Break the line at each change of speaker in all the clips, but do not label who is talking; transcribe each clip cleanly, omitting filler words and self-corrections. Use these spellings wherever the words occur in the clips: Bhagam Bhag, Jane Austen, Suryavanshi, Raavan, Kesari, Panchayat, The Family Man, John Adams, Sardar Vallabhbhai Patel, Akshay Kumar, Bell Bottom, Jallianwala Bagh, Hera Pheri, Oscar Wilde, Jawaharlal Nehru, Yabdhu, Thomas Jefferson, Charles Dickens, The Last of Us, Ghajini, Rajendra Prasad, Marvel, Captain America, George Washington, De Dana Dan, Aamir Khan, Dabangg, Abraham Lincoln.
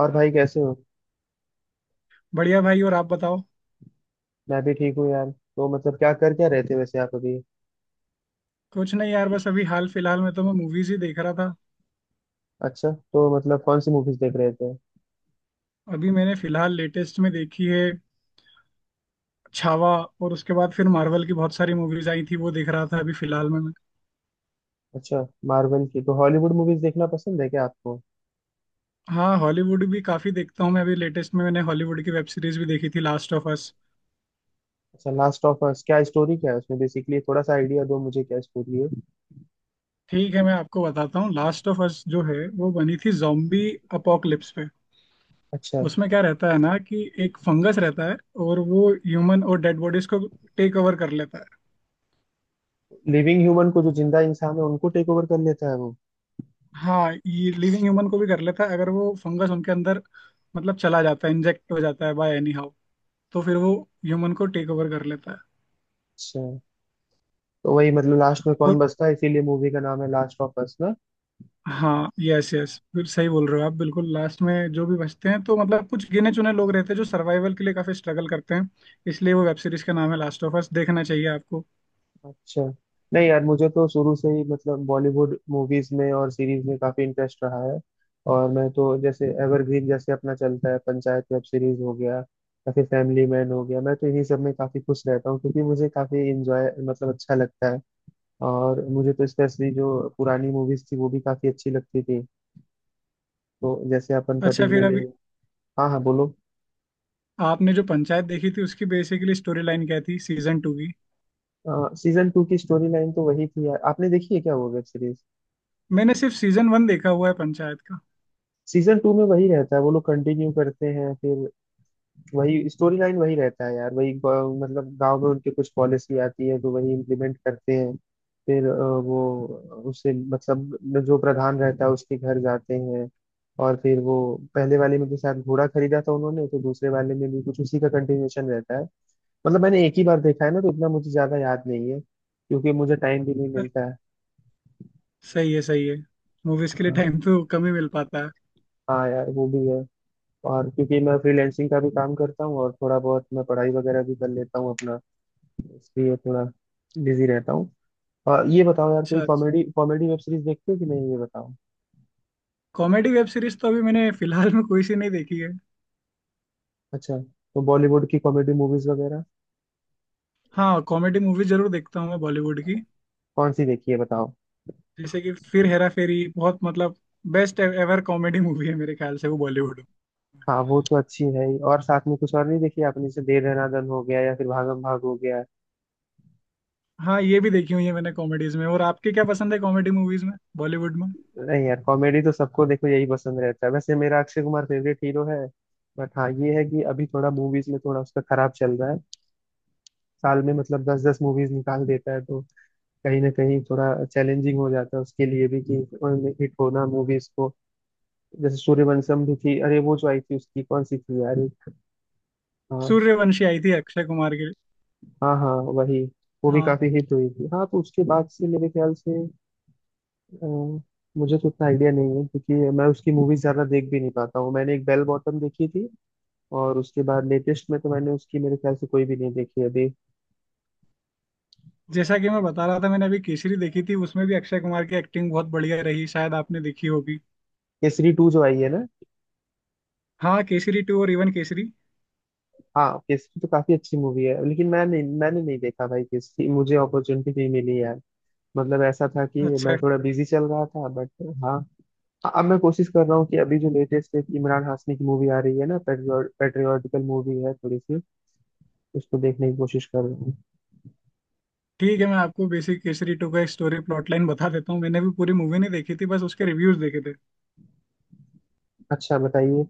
और भाई कैसे हो?
बढ़िया भाई। और आप बताओ।
मैं भी ठीक हूँ यार। तो मतलब क्या रहे थे वैसे आप अभी?
कुछ नहीं यार, बस अभी हाल फिलहाल में तो मैं मूवीज ही देख रहा था।
अच्छा, तो मतलब कौन सी मूवीज देख रहे थे?
अभी मैंने फिलहाल लेटेस्ट में देखी है छावा। और उसके बाद फिर मार्वल की बहुत सारी मूवीज आई थी वो देख रहा था अभी फिलहाल में मैं।
अच्छा। मार्वल की तो हॉलीवुड मूवीज देखना पसंद है क्या आपको?
हाँ, हॉलीवुड भी काफी देखता हूँ मैं। अभी लेटेस्ट में मैंने हॉलीवुड की वेब सीरीज भी देखी थी, लास्ट ऑफ अस।
अच्छा। लास्ट ऑफ अस क्या स्टोरी, क्या है उसमें बेसिकली? थोड़ा सा आइडिया दो मुझे क्या स्टोरी है।
ठीक है मैं आपको बताता हूँ। लास्ट ऑफ अस जो है वो बनी थी जॉम्बी अपोकलिप्स पे।
अच्छा।
उसमें क्या रहता है ना कि एक फंगस रहता है, और वो ह्यूमन और डेड बॉडीज को टेक ओवर कर लेता है।
लिविंग ह्यूमन को, जो जिंदा इंसान है उनको टेक ओवर कर लेता है वो?
हाँ, ये लिविंग ह्यूमन को भी कर लेता है अगर वो फंगस उनके अंदर मतलब चला जाता है, इंजेक्ट हो जाता है बाय एनी हाउ। तो फिर वो ह्यूमन को टेक ओवर कर लेता है।
अच्छा। तो वही मतलब लास्ट में
और
कौन बचता है, इसीलिए मूवी का नाम है लास्ट ऑफ अस ना।
हाँ, यस यस, फिर सही बोल रहे हो आप बिल्कुल। लास्ट में जो भी बचते हैं तो मतलब कुछ गिने चुने लोग रहते हैं जो सर्वाइवल के लिए काफी स्ट्रगल करते हैं। इसलिए वो वेब सीरीज का नाम है लास्ट ऑफ अस। देखना चाहिए आपको।
अच्छा। नहीं यार, मुझे तो शुरू से ही मतलब बॉलीवुड मूवीज में और सीरीज में काफी इंटरेस्ट रहा है। और मैं तो जैसे एवरग्रीन जैसे अपना चलता है, पंचायत वेब सीरीज हो गया या फिर फैमिली मैन हो गया, मैं तो इन्हीं सब में काफी खुश रहता हूँ क्योंकि मुझे काफी इंजॉय मतलब अच्छा लगता है। और मुझे तो स्पेशली जो पुरानी मूवीज थी वो भी काफी अच्छी लगती थी। तो जैसे अपन
अच्छा, फिर
पर्टिकुलरली।
अभी
हाँ हाँ, बोलो।
आपने जो पंचायत देखी थी उसकी बेसिकली स्टोरी लाइन क्या थी सीजन टू की?
सीजन टू की स्टोरी लाइन तो वही थी यार, आपने देखी है क्या वो वेब सीरीज?
मैंने सिर्फ सीजन वन देखा हुआ है पंचायत का।
सीजन टू में वही रहता है, वो लोग कंटिन्यू करते हैं फिर। वही स्टोरी लाइन वही रहता है यार। वही मतलब गांव में उनके कुछ पॉलिसी आती है तो वही इम्प्लीमेंट करते हैं। फिर वो उसे मतलब जो प्रधान रहता है उसके घर जाते हैं। और फिर वो पहले वाले में के साथ घोड़ा खरीदा था उन्होंने, तो दूसरे वाले में भी कुछ उसी का कंटिन्यूएशन रहता है। मतलब मैंने एक ही बार देखा है ना तो इतना मुझे ज्यादा याद नहीं है क्योंकि मुझे टाइम भी नहीं मिलता है।
सही है सही है, मूवीज के लिए
हाँ।
टाइम तो कम ही मिल पाता है।
हाँ यार वो भी है। और क्योंकि मैं फ्रीलैंसिंग का भी काम करता हूँ और थोड़ा बहुत मैं पढ़ाई वगैरह भी कर लेता हूँ अपना, इसलिए थोड़ा बिजी रहता हूँ। और ये बताओ यार, कोई
अच्छा,
कॉमेडी कॉमेडी वेब सीरीज देखते हो कि नहीं ये बताओ।
कॉमेडी वेब सीरीज तो अभी मैंने फिलहाल में कोई सी नहीं देखी है।
अच्छा। तो बॉलीवुड की कॉमेडी मूवीज वगैरह?
हाँ, कॉमेडी मूवी जरूर देखता हूँ मैं बॉलीवुड की।
कौन सी देखी है बताओ।
जैसे कि फिर हेरा फेरी, बहुत मतलब बेस्ट एवर कॉमेडी मूवी है मेरे ख्याल से वो बॉलीवुड में।
हाँ वो तो अच्छी है ही। और साथ में कुछ और नहीं देखी आपने? जैसे दे दना दन हो गया या फिर भागम भाग हो गया।
हाँ ये भी देखी हुई है मैंने कॉमेडीज में। और आपके क्या पसंद है कॉमेडी मूवीज में बॉलीवुड में?
नहीं यार, कॉमेडी तो सबको देखो यही पसंद रहता है। वैसे मेरा अक्षय कुमार फेवरेट हीरो है। बट हाँ ये है कि अभी थोड़ा मूवीज में थोड़ा उसका खराब चल रहा है। साल में मतलब दस दस मूवीज निकाल देता है तो कहीं ना कहीं थोड़ा चैलेंजिंग हो जाता है उसके लिए भी कि हिट होना मूवीज को। जैसे सूर्यवंशम भी थी। अरे वो जो आई थी उसकी कौन सी थी यार, हाँ।
सूर्यवंशी आई थी अक्षय कुमार की।
हाँ हाँ वही। वो भी
हाँ,
काफी हिट हुई थी, हाँ। तो उसके बाद से मेरे ख्याल से अ, मुझे तो उतना आइडिया नहीं है क्योंकि मैं उसकी मूवीज ज्यादा देख भी नहीं पाता हूँ। मैंने एक बेल बॉटम देखी थी, और उसके बाद लेटेस्ट में तो मैंने उसकी मेरे ख्याल से कोई भी नहीं देखी अभी।
जैसा कि मैं बता रहा था, मैंने अभी केसरी देखी थी, उसमें भी अक्षय कुमार की एक्टिंग बहुत बढ़िया रही। शायद आपने देखी होगी।
केसरी टू जो आई है ना।
हाँ, केसरी टू और इवन केसरी।
हाँ, केसरी तो काफी अच्छी मूवी है, लेकिन मैंने नहीं देखा भाई। केसरी मुझे अपॉर्चुनिटी नहीं मिली यार। मतलब ऐसा था कि मैं
अच्छा,
थोड़ा बिजी चल रहा था बट। हाँ। अब मैं कोशिश कर रहा हूँ कि अभी जो लेटेस्ट एक इमरान हाशमी की मूवी आ रही है ना, पेट्रियोटिकल मूवी है थोड़ी सी, उसको देखने की कोशिश कर रहा हूँ।
ठीक है मैं आपको बेसिक केसरी टू का एक स्टोरी प्लॉट लाइन बता देता हूँ। मैंने भी पूरी मूवी नहीं देखी थी, बस उसके रिव्यूज देखे थे।
अच्छा बताइए।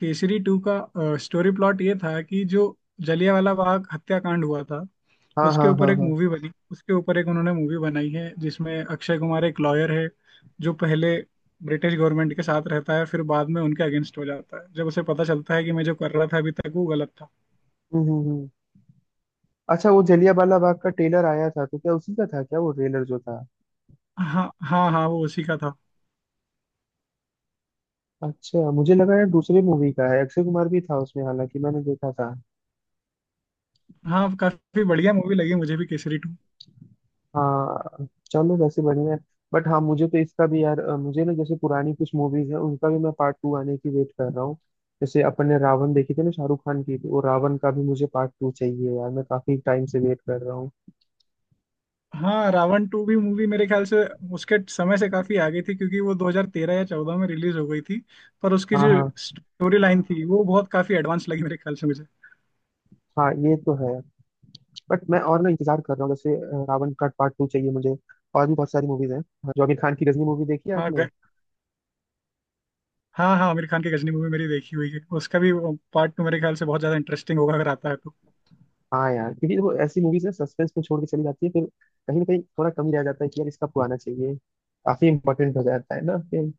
केसरी टू का स्टोरी प्लॉट ये था कि जो जलियांवाला बाग हत्याकांड हुआ था
हाँ हाँ
उसके ऊपर
हाँ
एक
हाँ।
मूवी बनी। उसके ऊपर एक उन्होंने मूवी बनाई है जिसमें अक्षय कुमार एक लॉयर है, जो पहले ब्रिटिश गवर्नमेंट के साथ रहता है, फिर बाद में उनके अगेंस्ट हो जाता है जब उसे पता चलता है कि मैं जो कर रहा था अभी तक वो गलत था।
हम्म हम्म हम्म। अच्छा। वो जलियांवाला बाग का ट्रेलर आया था तो क्या उसी का था क्या वो ट्रेलर जो था?
हाँ हाँ हाँ, वो उसी का था।
अच्छा। मुझे लगा यार दूसरे मूवी का है, अक्षय कुमार भी था उसमें हालांकि मैंने देखा था।
हाँ, काफी बढ़िया मूवी लगी मुझे भी केसरी टू।
हाँ। चलो, वैसे बढ़िया है। बट हाँ मुझे तो इसका भी यार मुझे ना, जैसे पुरानी कुछ मूवीज हैं उनका भी मैं पार्ट टू आने की वेट कर रहा हूँ। जैसे अपन ने रावण देखी थी ना शाहरुख खान की, तो वो रावण का भी मुझे पार्ट टू चाहिए यार। मैं काफी टाइम से वेट कर रहा हूँ।
हाँ, रावण टू भी मूवी मेरे ख्याल से उसके समय से काफी आगे थी, क्योंकि वो 2013 या 14 में रिलीज हो गई थी। पर उसकी
हाँ
जो
हाँ।
स्टोरी लाइन थी वो बहुत काफी एडवांस लगी मेरे ख्याल से मुझे।
हाँ ये तो है। बट मैं और ना इंतजार कर रहा हूँ, जैसे रावण का पार्ट टू चाहिए मुझे। और भी बहुत सारी मूवीज हैं। हाँ, जो आमिर खान की गजनी मूवी, देखी है
हाँ
आपने?
हाँ हाँ, आमिर खान की गजनी मूवी मेरी देखी हुई है। उसका भी पार्ट टू मेरे ख्याल से बहुत ज्यादा इंटरेस्टिंग होगा अगर आता है तो।
हाँ यार, क्योंकि वो ऐसी मूवीज ना सस्पेंस में छोड़ के चली जाती है फिर कहीं ना कहीं थोड़ा कमी रह जाता है कि यार इसका पुराना चाहिए। काफी इंपॉर्टेंट हो जाता है ना फिर।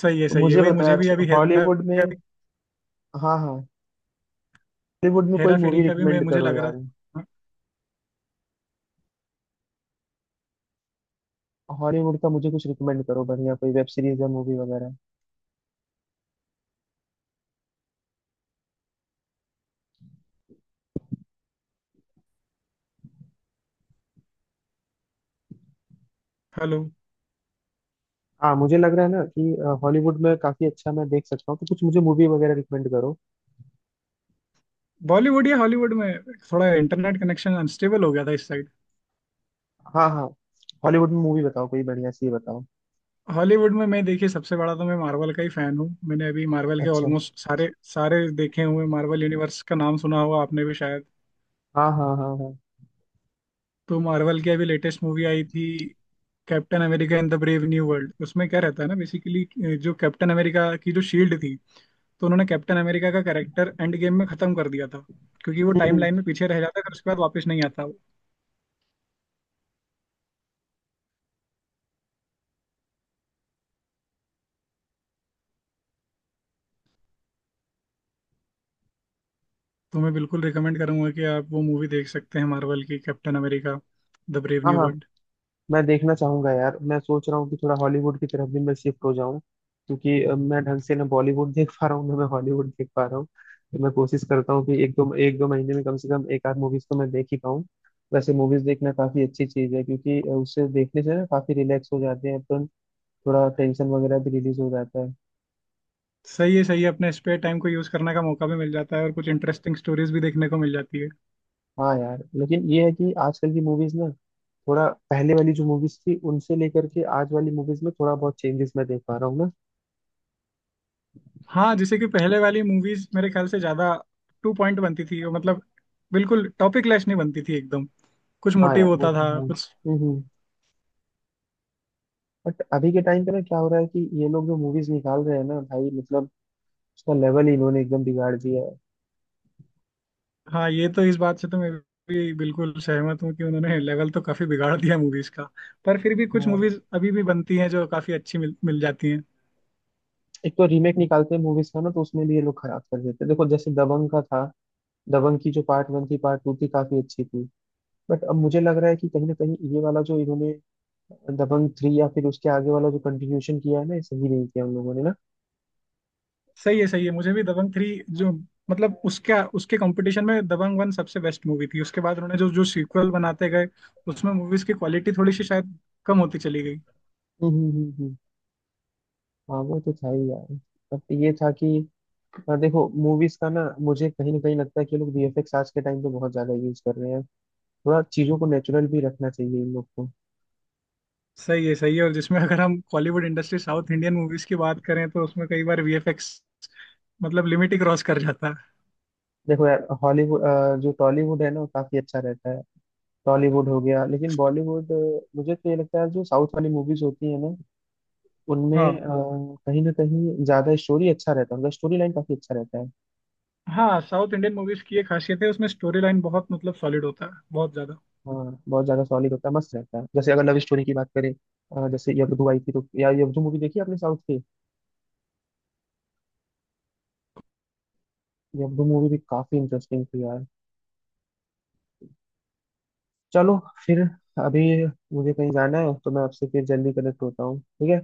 सही है
तो
सही है,
मुझे
वही
बता
मुझे भी अभी हेरा
हॉलीवुड
का
में।
भी,
हाँ हाँ। हॉलीवुड में कोई
हेरा फेरी
मूवी
का भी मैं
रिकमेंड
मुझे
करो
लग रहा
यार।
था। हाँ,
हॉलीवुड का मुझे कुछ रिकमेंड करो बढ़िया, कोई वेब सीरीज या मूवी वगैरह।
हेलो,
हाँ मुझे लग रहा है ना कि हॉलीवुड में काफी अच्छा मैं देख सकता हूँ, तो कुछ मुझे मूवी वगैरह रिकमेंड करो।
बॉलीवुड या हॉलीवुड में? थोड़ा इंटरनेट कनेक्शन अनस्टेबल हो गया था इस।
हाँ हाँ। हॉलीवुड में मूवी बताओ, कोई बढ़िया सी बताओ।
हॉलीवुड में मैं देखिए सबसे बड़ा तो मैं मार्वल का ही फैन हूँ। मैंने अभी मार्वल के
अच्छा।
ऑलमोस्ट सारे सारे देखे हुए। मार्वल यूनिवर्स का नाम सुना होगा आपने भी शायद।
हाँ हाँ हाँ हाँ।
तो मार्वल की अभी लेटेस्ट मूवी आई थी, captain America in the brave new world. उसमें क्या रहता है ना बेसिकली, जो कैप्टन अमेरिका की जो शील्ड थी, तो उन्होंने कैप्टन अमेरिका का कैरेक्टर एंड गेम में खत्म कर दिया था क्योंकि वो टाइम
हम्म।
लाइन में पीछे रह जाता है, फिर उसके बाद वापस नहीं आता वो। तो मैं बिल्कुल रिकमेंड करूंगा कि आप वो मूवी देख सकते हैं, मार्वल की कैप्टन अमेरिका द ब्रेव
हाँ
न्यू
हाँ।
वर्ल्ड।
मैं देखना चाहूंगा यार। मैं सोच रहा हूँ कि थोड़ा हॉलीवुड की तरफ भी मैं शिफ्ट हो जाऊं, क्योंकि मैं ढंग से ना बॉलीवुड देख पा रहा हूँ ना मैं हॉलीवुड देख पा रहा हूँ। तो मैं कोशिश करता हूँ कि एक दो महीने में कम से कम एक आध मूवीज तो मैं देख ही पाऊँ। वैसे मूवीज देखना काफी अच्छी चीज है, क्योंकि उससे देखने से ना काफी रिलैक्स हो जाते हैं अपन। थोड़ा टेंशन वगैरह भी रिलीज हो जाता है।
सही है सही है, अपने स्पेयर टाइम को यूज करने का मौका भी मिल जाता है और कुछ इंटरेस्टिंग स्टोरीज भी देखने को मिल जाती है।
हाँ यार, लेकिन ये है कि आजकल की मूवीज ना, थोड़ा पहले वाली जो मूवीज थी उनसे लेकर के आज वाली मूवीज में थोड़ा बहुत चेंजेस मैं देख पा रहा हूँ ना।
हाँ, जैसे कि पहले वाली मूवीज मेरे ख्याल से ज्यादा टू पॉइंट बनती थी वो, मतलब बिल्कुल टॉपिक लेस नहीं बनती थी एकदम, कुछ
हाँ
मोटिव
यार वो
होता
तो
था
है।
कुछ।
बट अभी के टाइम पे ना क्या हो रहा है कि ये लोग जो मूवीज निकाल रहे हैं ना भाई, मतलब उसका लेवल ही इन्होंने एकदम बिगाड़ दिया है।
हाँ, ये तो इस बात से तो मैं भी बिल्कुल सहमत हूँ कि उन्होंने लेवल तो काफी बिगाड़ दिया मूवीज का। पर फिर भी कुछ
हाँ।
मूवीज अभी भी बनती हैं जो काफी अच्छी मिल जाती हैं।
एक तो रीमेक निकालते हैं मूवीज का ना, तो उसमें भी ये लोग खराब कर देते हैं। देखो जैसे दबंग का था, दबंग की जो पार्ट वन थी पार्ट टू थी काफी अच्छी थी। बट अब मुझे लग रहा है कि कहीं ना कहीं ये वाला जो इन्होंने दबंग थ्री या फिर उसके आगे वाला जो कंटिन्यूशन किया है ना, ये सही नहीं किया उन लोगों ने ना।
सही है सही है, मुझे भी दबंग थ्री जो मतलब उसका, उसके कंपटीशन में दबंग वन सबसे बेस्ट मूवी थी। उसके बाद उन्होंने जो जो सीक्वल बनाते गए उसमें मूवीज की क्वालिटी थोड़ी सी शायद कम होती चली गई।
हम्म हम्म हम्म, हम्म। हाँ वो तो था ही यार। बट ये था कि देखो मूवीज का ना, मुझे कहीं ना कहीं लगता है कि ये लोग VFX आज के टाइम पे बहुत ज्यादा यूज कर रहे हैं। थोड़ा चीजों को नेचुरल भी रखना चाहिए इन लोग को।
सही है सही है, और जिसमें अगर हम Bollywood industry south Indian movies की बात करें तो उसमें कई बार वीएफएक्स मतलब लिमिट ही क्रॉस कर जाता है।
देखो यार, हॉलीवुड, जो टॉलीवुड है ना वो काफी अच्छा रहता है। टॉलीवुड हो गया, लेकिन बॉलीवुड मुझे तो ये लगता है जो साउथ वाली मूवीज होती है ना उनमें
हाँ
कहीं ना कहीं ज्यादा स्टोरी अच्छा रहता है, उनका स्टोरी लाइन काफी अच्छा रहता है।
हाँ, साउथ इंडियन मूवीज की एक खासियत है, उसमें स्टोरी लाइन बहुत मतलब सॉलिड होता है, बहुत ज्यादा।
हाँ बहुत ज्यादा सॉलिड होता है, मस्त रहता है। जैसे अगर लव स्टोरी की बात करें जैसे यब्दू आई थी, तो यार यब्दू मूवी देखी आपने साउथ की? यब्दू मूवी भी काफी इंटरेस्टिंग थी यार। चलो फिर, अभी मुझे कहीं जाना है तो मैं आपसे फिर जल्दी कनेक्ट होता हूँ, ठीक है?